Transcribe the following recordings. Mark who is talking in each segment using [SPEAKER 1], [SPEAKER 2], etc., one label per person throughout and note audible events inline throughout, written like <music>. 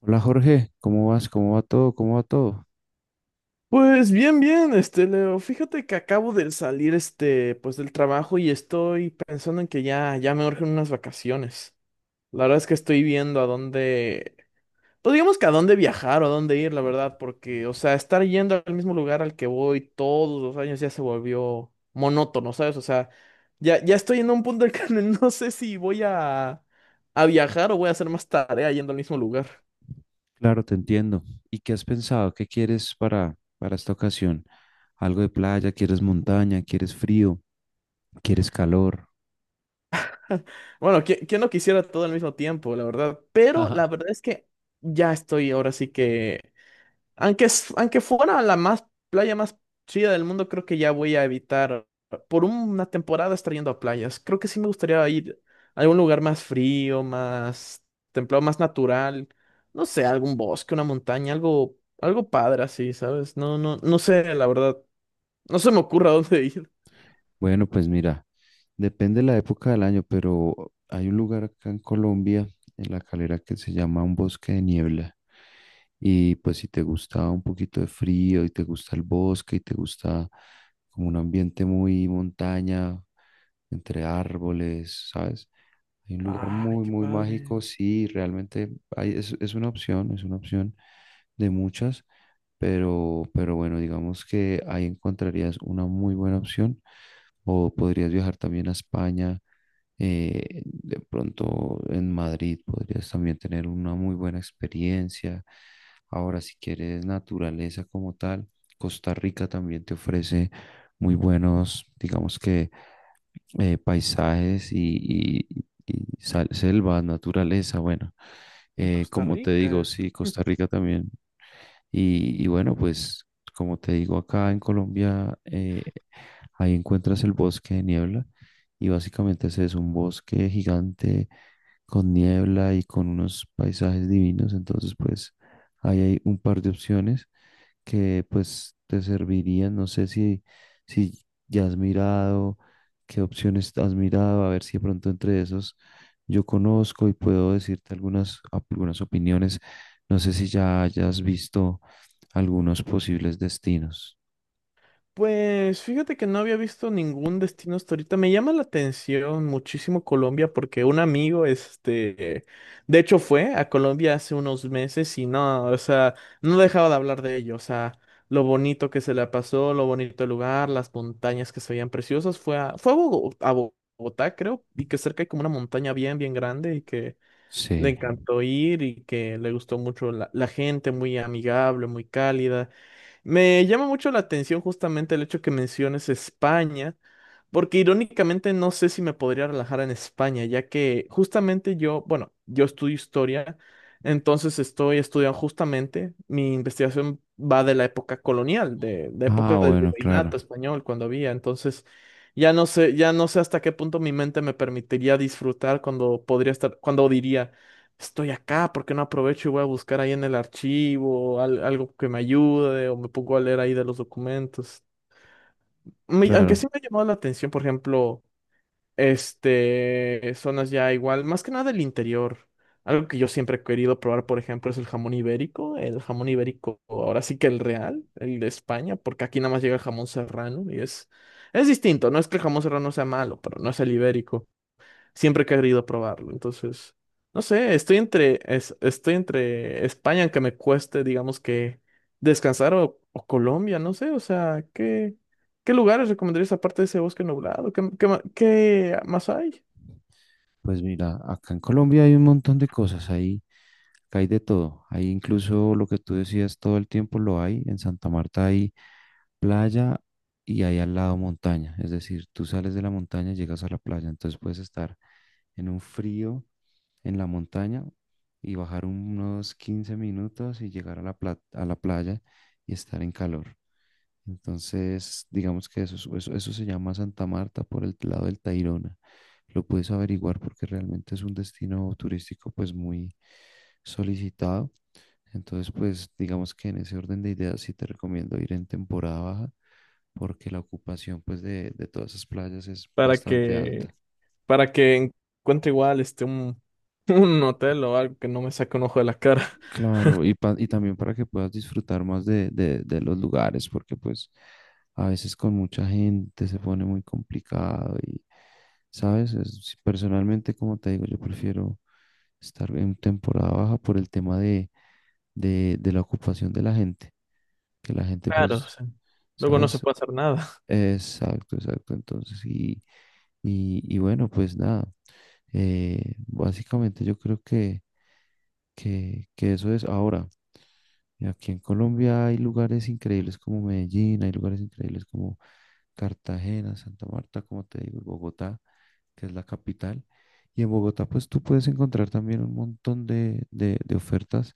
[SPEAKER 1] Hola Jorge, ¿cómo vas? ¿Cómo va todo? ¿Cómo va todo?
[SPEAKER 2] Pues bien, bien, este Leo, fíjate que acabo de salir, este, pues del trabajo y estoy pensando en que ya me urgen unas vacaciones. La verdad es que estoy viendo a dónde, pues digamos que a dónde viajar o a dónde ir, la verdad, porque, o sea, estar yendo al mismo lugar al que voy todos los años ya se volvió monótono, ¿sabes? O sea, ya estoy en un punto en el que <laughs> no sé si voy a viajar o voy a hacer más tarea yendo al mismo lugar.
[SPEAKER 1] Claro, te entiendo. ¿Y qué has pensado? ¿Qué quieres para esta ocasión? ¿Algo de playa? ¿Quieres montaña? ¿Quieres frío? ¿Quieres calor?
[SPEAKER 2] Bueno, ¿quién no quisiera todo al mismo tiempo, la verdad?
[SPEAKER 1] <laughs>
[SPEAKER 2] Pero la
[SPEAKER 1] Ajá.
[SPEAKER 2] verdad es que ya estoy, ahora sí que, aunque, aunque fuera la más playa más chida del mundo, creo que ya voy a evitar por una temporada estar yendo a playas. Creo que sí me gustaría ir a algún lugar más frío, más templado, más natural. No sé, algún bosque, una montaña, algo, algo padre así, ¿sabes? No, no, no sé, la verdad. No se me ocurre a <laughs> dónde ir.
[SPEAKER 1] Bueno, pues mira, depende de la época del año, pero hay un lugar acá en Colombia, en La Calera, que se llama un bosque de niebla. Y pues si te gusta un poquito de frío y te gusta el bosque y te gusta como un ambiente muy montaña, entre árboles, ¿sabes? Hay un lugar
[SPEAKER 2] Ay,
[SPEAKER 1] muy,
[SPEAKER 2] qué
[SPEAKER 1] muy
[SPEAKER 2] padre.
[SPEAKER 1] mágico, sí, realmente es una opción de muchas, pero bueno, digamos que ahí encontrarías una muy buena opción o podrías viajar también a España, de pronto en Madrid podrías también tener una muy buena experiencia. Ahora, si quieres naturaleza como tal, Costa Rica también te ofrece muy buenos, digamos que paisajes y selva, naturaleza, bueno,
[SPEAKER 2] En Costa
[SPEAKER 1] como te digo,
[SPEAKER 2] Rica.
[SPEAKER 1] sí, Costa Rica también. Y bueno, pues como te digo, acá en Colombia, ahí encuentras el bosque de niebla y básicamente ese es un bosque gigante con niebla y con unos paisajes divinos, entonces pues ahí hay un par de opciones que pues te servirían, no sé si ya has mirado. ¿Qué opciones has mirado? A ver si de pronto entre esos yo conozco y puedo decirte algunas, algunas opiniones. No sé si ya hayas visto algunos posibles destinos.
[SPEAKER 2] Pues fíjate que no había visto ningún destino hasta ahorita. Me llama la atención muchísimo Colombia porque un amigo, este, de hecho fue a Colombia hace unos meses y no, o sea, no dejaba de hablar de ello. O sea, lo bonito que se le pasó, lo bonito el lugar, las montañas que se veían preciosas. Fue a a Bogotá, creo, y que cerca hay como una montaña bien, bien grande y que le
[SPEAKER 1] Sí.
[SPEAKER 2] encantó ir y que le gustó mucho la gente, muy amigable, muy cálida. Me llama mucho la atención justamente el hecho que menciones España, porque irónicamente no sé si me podría relajar en España, ya que justamente yo, bueno, yo estudio historia, entonces estoy estudiando justamente, mi investigación va de la época colonial, de la
[SPEAKER 1] Ah,
[SPEAKER 2] época del
[SPEAKER 1] bueno, claro,
[SPEAKER 2] virreinato español, cuando había, entonces ya no sé hasta qué punto mi mente me permitiría disfrutar cuando podría estar, cuando diría estoy acá, ¿por qué no aprovecho y voy a buscar ahí en el archivo algo que me ayude o me pongo a leer ahí de los documentos? Aunque
[SPEAKER 1] claro.
[SPEAKER 2] sí me ha llamado la atención, por ejemplo, este, zonas ya igual, más que nada del interior. Algo que yo siempre he querido probar, por ejemplo, es el jamón ibérico, ahora sí que el real, el de España, porque aquí nada más llega el jamón serrano y es distinto, no es que el jamón serrano sea malo, pero no es el ibérico, siempre he querido probarlo. Entonces, no sé, estoy entre España, aunque me cueste, digamos que descansar, o Colombia, no sé, o sea, ¿qué, qué lugares recomendarías aparte de ese bosque nublado? ¿Qué, qué, qué más hay?
[SPEAKER 1] Pues mira, acá en Colombia hay un montón de cosas, ahí, acá hay de todo. Ahí incluso lo que tú decías todo el tiempo lo hay. En Santa Marta hay playa y hay al lado montaña. Es decir, tú sales de la montaña y llegas a la playa. Entonces puedes estar en un frío en la montaña y bajar unos 15 minutos y llegar a a la playa y estar en calor. Entonces, digamos que eso, eso se llama Santa Marta por el lado del Tayrona. Lo puedes averiguar porque realmente es un destino turístico pues muy solicitado. Entonces, pues digamos que en ese orden de ideas sí te recomiendo ir en temporada baja porque la ocupación pues de todas esas playas es
[SPEAKER 2] Para
[SPEAKER 1] bastante
[SPEAKER 2] que,
[SPEAKER 1] alta.
[SPEAKER 2] para que encuentre igual este un, <laughs> un hotel o algo que no me saque un ojo de la cara.
[SPEAKER 1] Claro, y también para que puedas disfrutar más de los lugares, porque pues a veces con mucha gente se pone muy complicado y, ¿sabes? Personalmente, como te digo, yo prefiero estar en temporada baja por el tema de la ocupación de la gente, que la gente
[SPEAKER 2] Claro, o
[SPEAKER 1] pues,
[SPEAKER 2] sea, luego no se
[SPEAKER 1] ¿sabes?
[SPEAKER 2] puede hacer nada. <laughs>
[SPEAKER 1] Exacto, exacto. Entonces, y bueno, pues nada, básicamente yo creo que eso es ahora. Y aquí en Colombia hay lugares increíbles como Medellín, hay lugares increíbles como Cartagena, Santa Marta, como te digo, Bogotá, que es la capital. Y en Bogotá, pues tú puedes encontrar también un montón de ofertas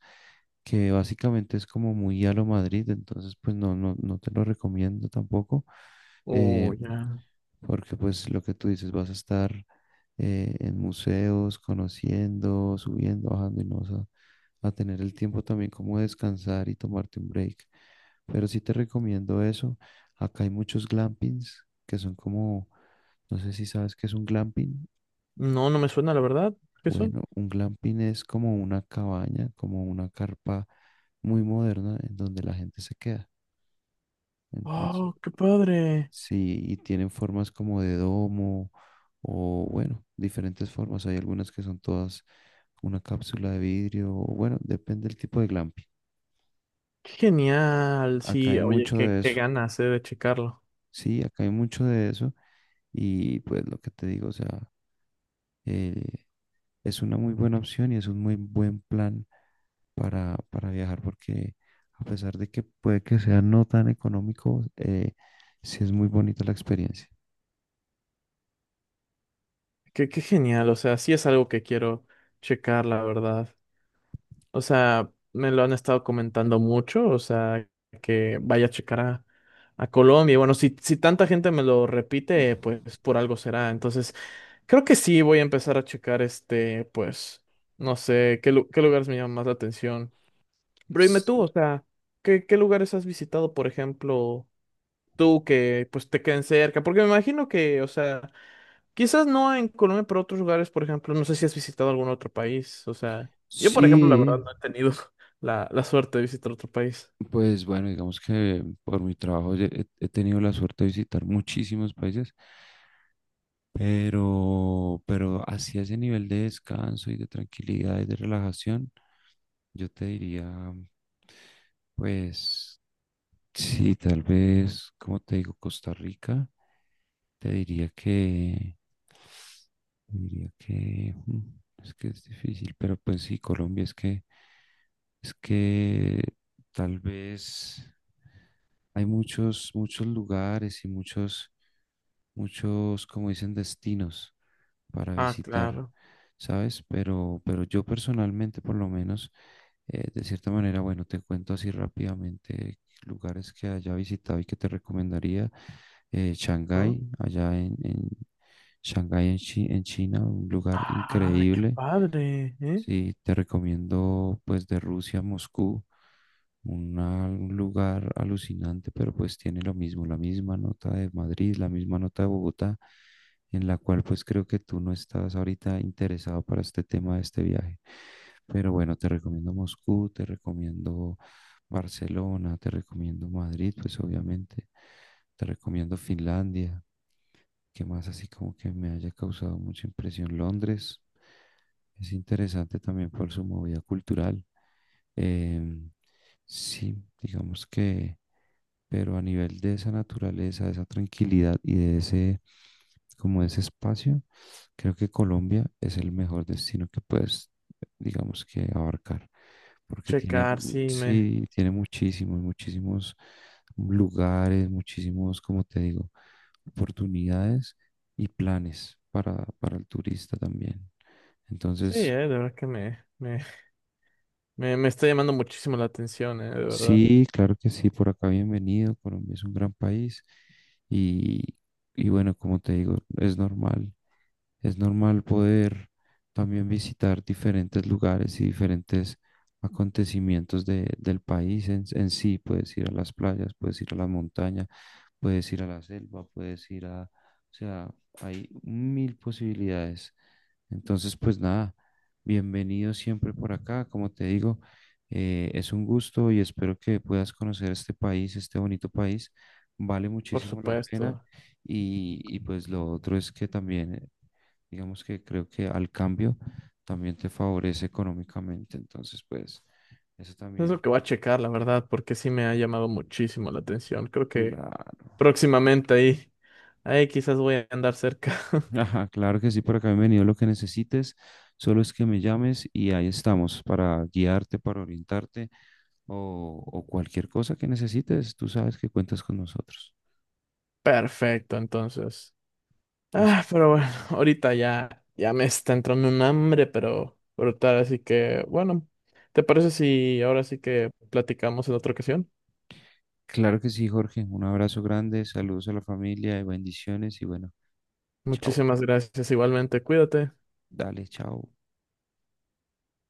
[SPEAKER 1] que básicamente es como muy a lo Madrid, entonces pues no te lo recomiendo tampoco. Eh,
[SPEAKER 2] Oh, ya.
[SPEAKER 1] Porque pues lo que tú dices, vas a estar en museos, conociendo, subiendo, bajando y no a tener el tiempo también como de descansar y tomarte un break. Pero sí te recomiendo eso. Acá hay muchos glampings que son como, no sé si sabes qué es un glamping.
[SPEAKER 2] No, no me suena, la verdad. ¿Qué son?
[SPEAKER 1] Bueno, un glamping es como una cabaña, como una carpa muy moderna en donde la gente se queda. Entonces,
[SPEAKER 2] Oh, qué padre.
[SPEAKER 1] sí, y tienen formas como de domo o bueno, diferentes formas. Hay algunas que son todas una cápsula de vidrio o bueno, depende del tipo de glamping.
[SPEAKER 2] Qué genial,
[SPEAKER 1] Acá hay
[SPEAKER 2] sí, oye,
[SPEAKER 1] mucho
[SPEAKER 2] qué,
[SPEAKER 1] de
[SPEAKER 2] qué
[SPEAKER 1] eso.
[SPEAKER 2] ganas, de checarlo.
[SPEAKER 1] Sí, acá hay mucho de eso y pues lo que te digo, o sea, eh, es una muy buena opción y es un muy buen plan para viajar porque a pesar de que puede que sea no tan económico, sí es muy bonita la experiencia.
[SPEAKER 2] Qué, qué genial, o sea, sí es algo que quiero checar, la verdad. O sea, me lo han estado comentando mucho, o sea, que vaya a a Colombia. Y bueno, si, si tanta gente me lo repite, pues por algo será. Entonces, creo que sí voy a empezar a checar, este, pues, no sé, qué, qué lugares me llaman más la atención. Pero dime
[SPEAKER 1] S-
[SPEAKER 2] tú, o sea, ¿qué, qué lugares has visitado, por ejemplo? Tú que pues te queden cerca, porque me imagino que, o sea, quizás no en Colombia, pero otros lugares, por ejemplo, no sé si has visitado algún otro país, o sea, yo por ejemplo, la verdad
[SPEAKER 1] Sí,
[SPEAKER 2] no he tenido <laughs> la suerte de visitar otro país.
[SPEAKER 1] pues bueno, digamos que por mi trabajo he tenido la suerte de visitar muchísimos países, pero así a ese nivel de descanso y de tranquilidad y de relajación, yo te diría, pues sí, tal vez, como te digo, Costa Rica, te diría que, te diría que es que es difícil, pero pues sí, Colombia es que tal vez hay muchos, muchos lugares y muchos, muchos, como dicen, destinos para
[SPEAKER 2] Ah,
[SPEAKER 1] visitar,
[SPEAKER 2] claro.
[SPEAKER 1] ¿sabes? Pero yo personalmente, por lo menos, de cierta manera, bueno, te cuento así rápidamente lugares que haya visitado y que te recomendaría.
[SPEAKER 2] ¿No?
[SPEAKER 1] Shanghái, allá en Shanghái, en China, un lugar
[SPEAKER 2] Ah, qué
[SPEAKER 1] increíble.
[SPEAKER 2] padre, ¿eh?
[SPEAKER 1] Sí, te recomiendo pues de Rusia a Moscú, un lugar alucinante, pero pues tiene lo mismo, la misma nota de Madrid, la misma nota de Bogotá, en la cual pues creo que tú no estás ahorita interesado para este tema de este viaje. Pero bueno, te recomiendo Moscú, te recomiendo Barcelona, te recomiendo Madrid, pues obviamente, te recomiendo Finlandia. ¿Qué más así como que me haya causado mucha impresión? Londres es interesante también por su movida cultural. Em, sí, digamos que pero a nivel de esa naturaleza, de esa tranquilidad y de ese, como ese espacio, creo que Colombia es el mejor destino que puedes, digamos que abarcar, porque tiene,
[SPEAKER 2] Checar, sí,
[SPEAKER 1] sí, tiene muchísimos, muchísimos lugares, muchísimos, como te digo, oportunidades y planes para el turista también.
[SPEAKER 2] sí,
[SPEAKER 1] Entonces,
[SPEAKER 2] de verdad que me está llamando muchísimo la atención, de verdad,
[SPEAKER 1] sí, claro que sí, por acá bienvenido. Colombia es un gran país y, y bueno, como te digo, es normal poder también visitar diferentes lugares y diferentes acontecimientos del país en sí. Puedes ir a las playas, puedes ir a las montañas, puedes ir a la selva, puedes ir a, o sea, hay mil posibilidades. Entonces, pues nada, bienvenido siempre por acá, como te digo, es un gusto y espero que puedas conocer este país, este bonito país, vale
[SPEAKER 2] por
[SPEAKER 1] muchísimo la pena
[SPEAKER 2] supuesto.
[SPEAKER 1] y pues lo otro es que también, digamos que creo que al cambio también te favorece económicamente, entonces pues eso
[SPEAKER 2] Es lo
[SPEAKER 1] también.
[SPEAKER 2] que voy a checar, la verdad, porque sí me ha llamado muchísimo la atención. Creo que
[SPEAKER 1] Claro,
[SPEAKER 2] próximamente ahí. Ahí quizás voy a andar cerca. <laughs>
[SPEAKER 1] ajá, claro que sí, por acá bienvenido lo que necesites, solo es que me llames y ahí estamos para guiarte, para orientarte o cualquier cosa que necesites, tú sabes que cuentas con nosotros.
[SPEAKER 2] Perfecto, entonces.
[SPEAKER 1] Así,
[SPEAKER 2] Ah, pero bueno, <laughs> ahorita ya me está entrando un hambre, pero brutal, así que bueno, ¿te parece si ahora sí que platicamos en otra ocasión?
[SPEAKER 1] claro que sí, Jorge, un abrazo grande, saludos a la familia y bendiciones y bueno, chao,
[SPEAKER 2] Muchísimas gracias, igualmente, cuídate.
[SPEAKER 1] dale, chao.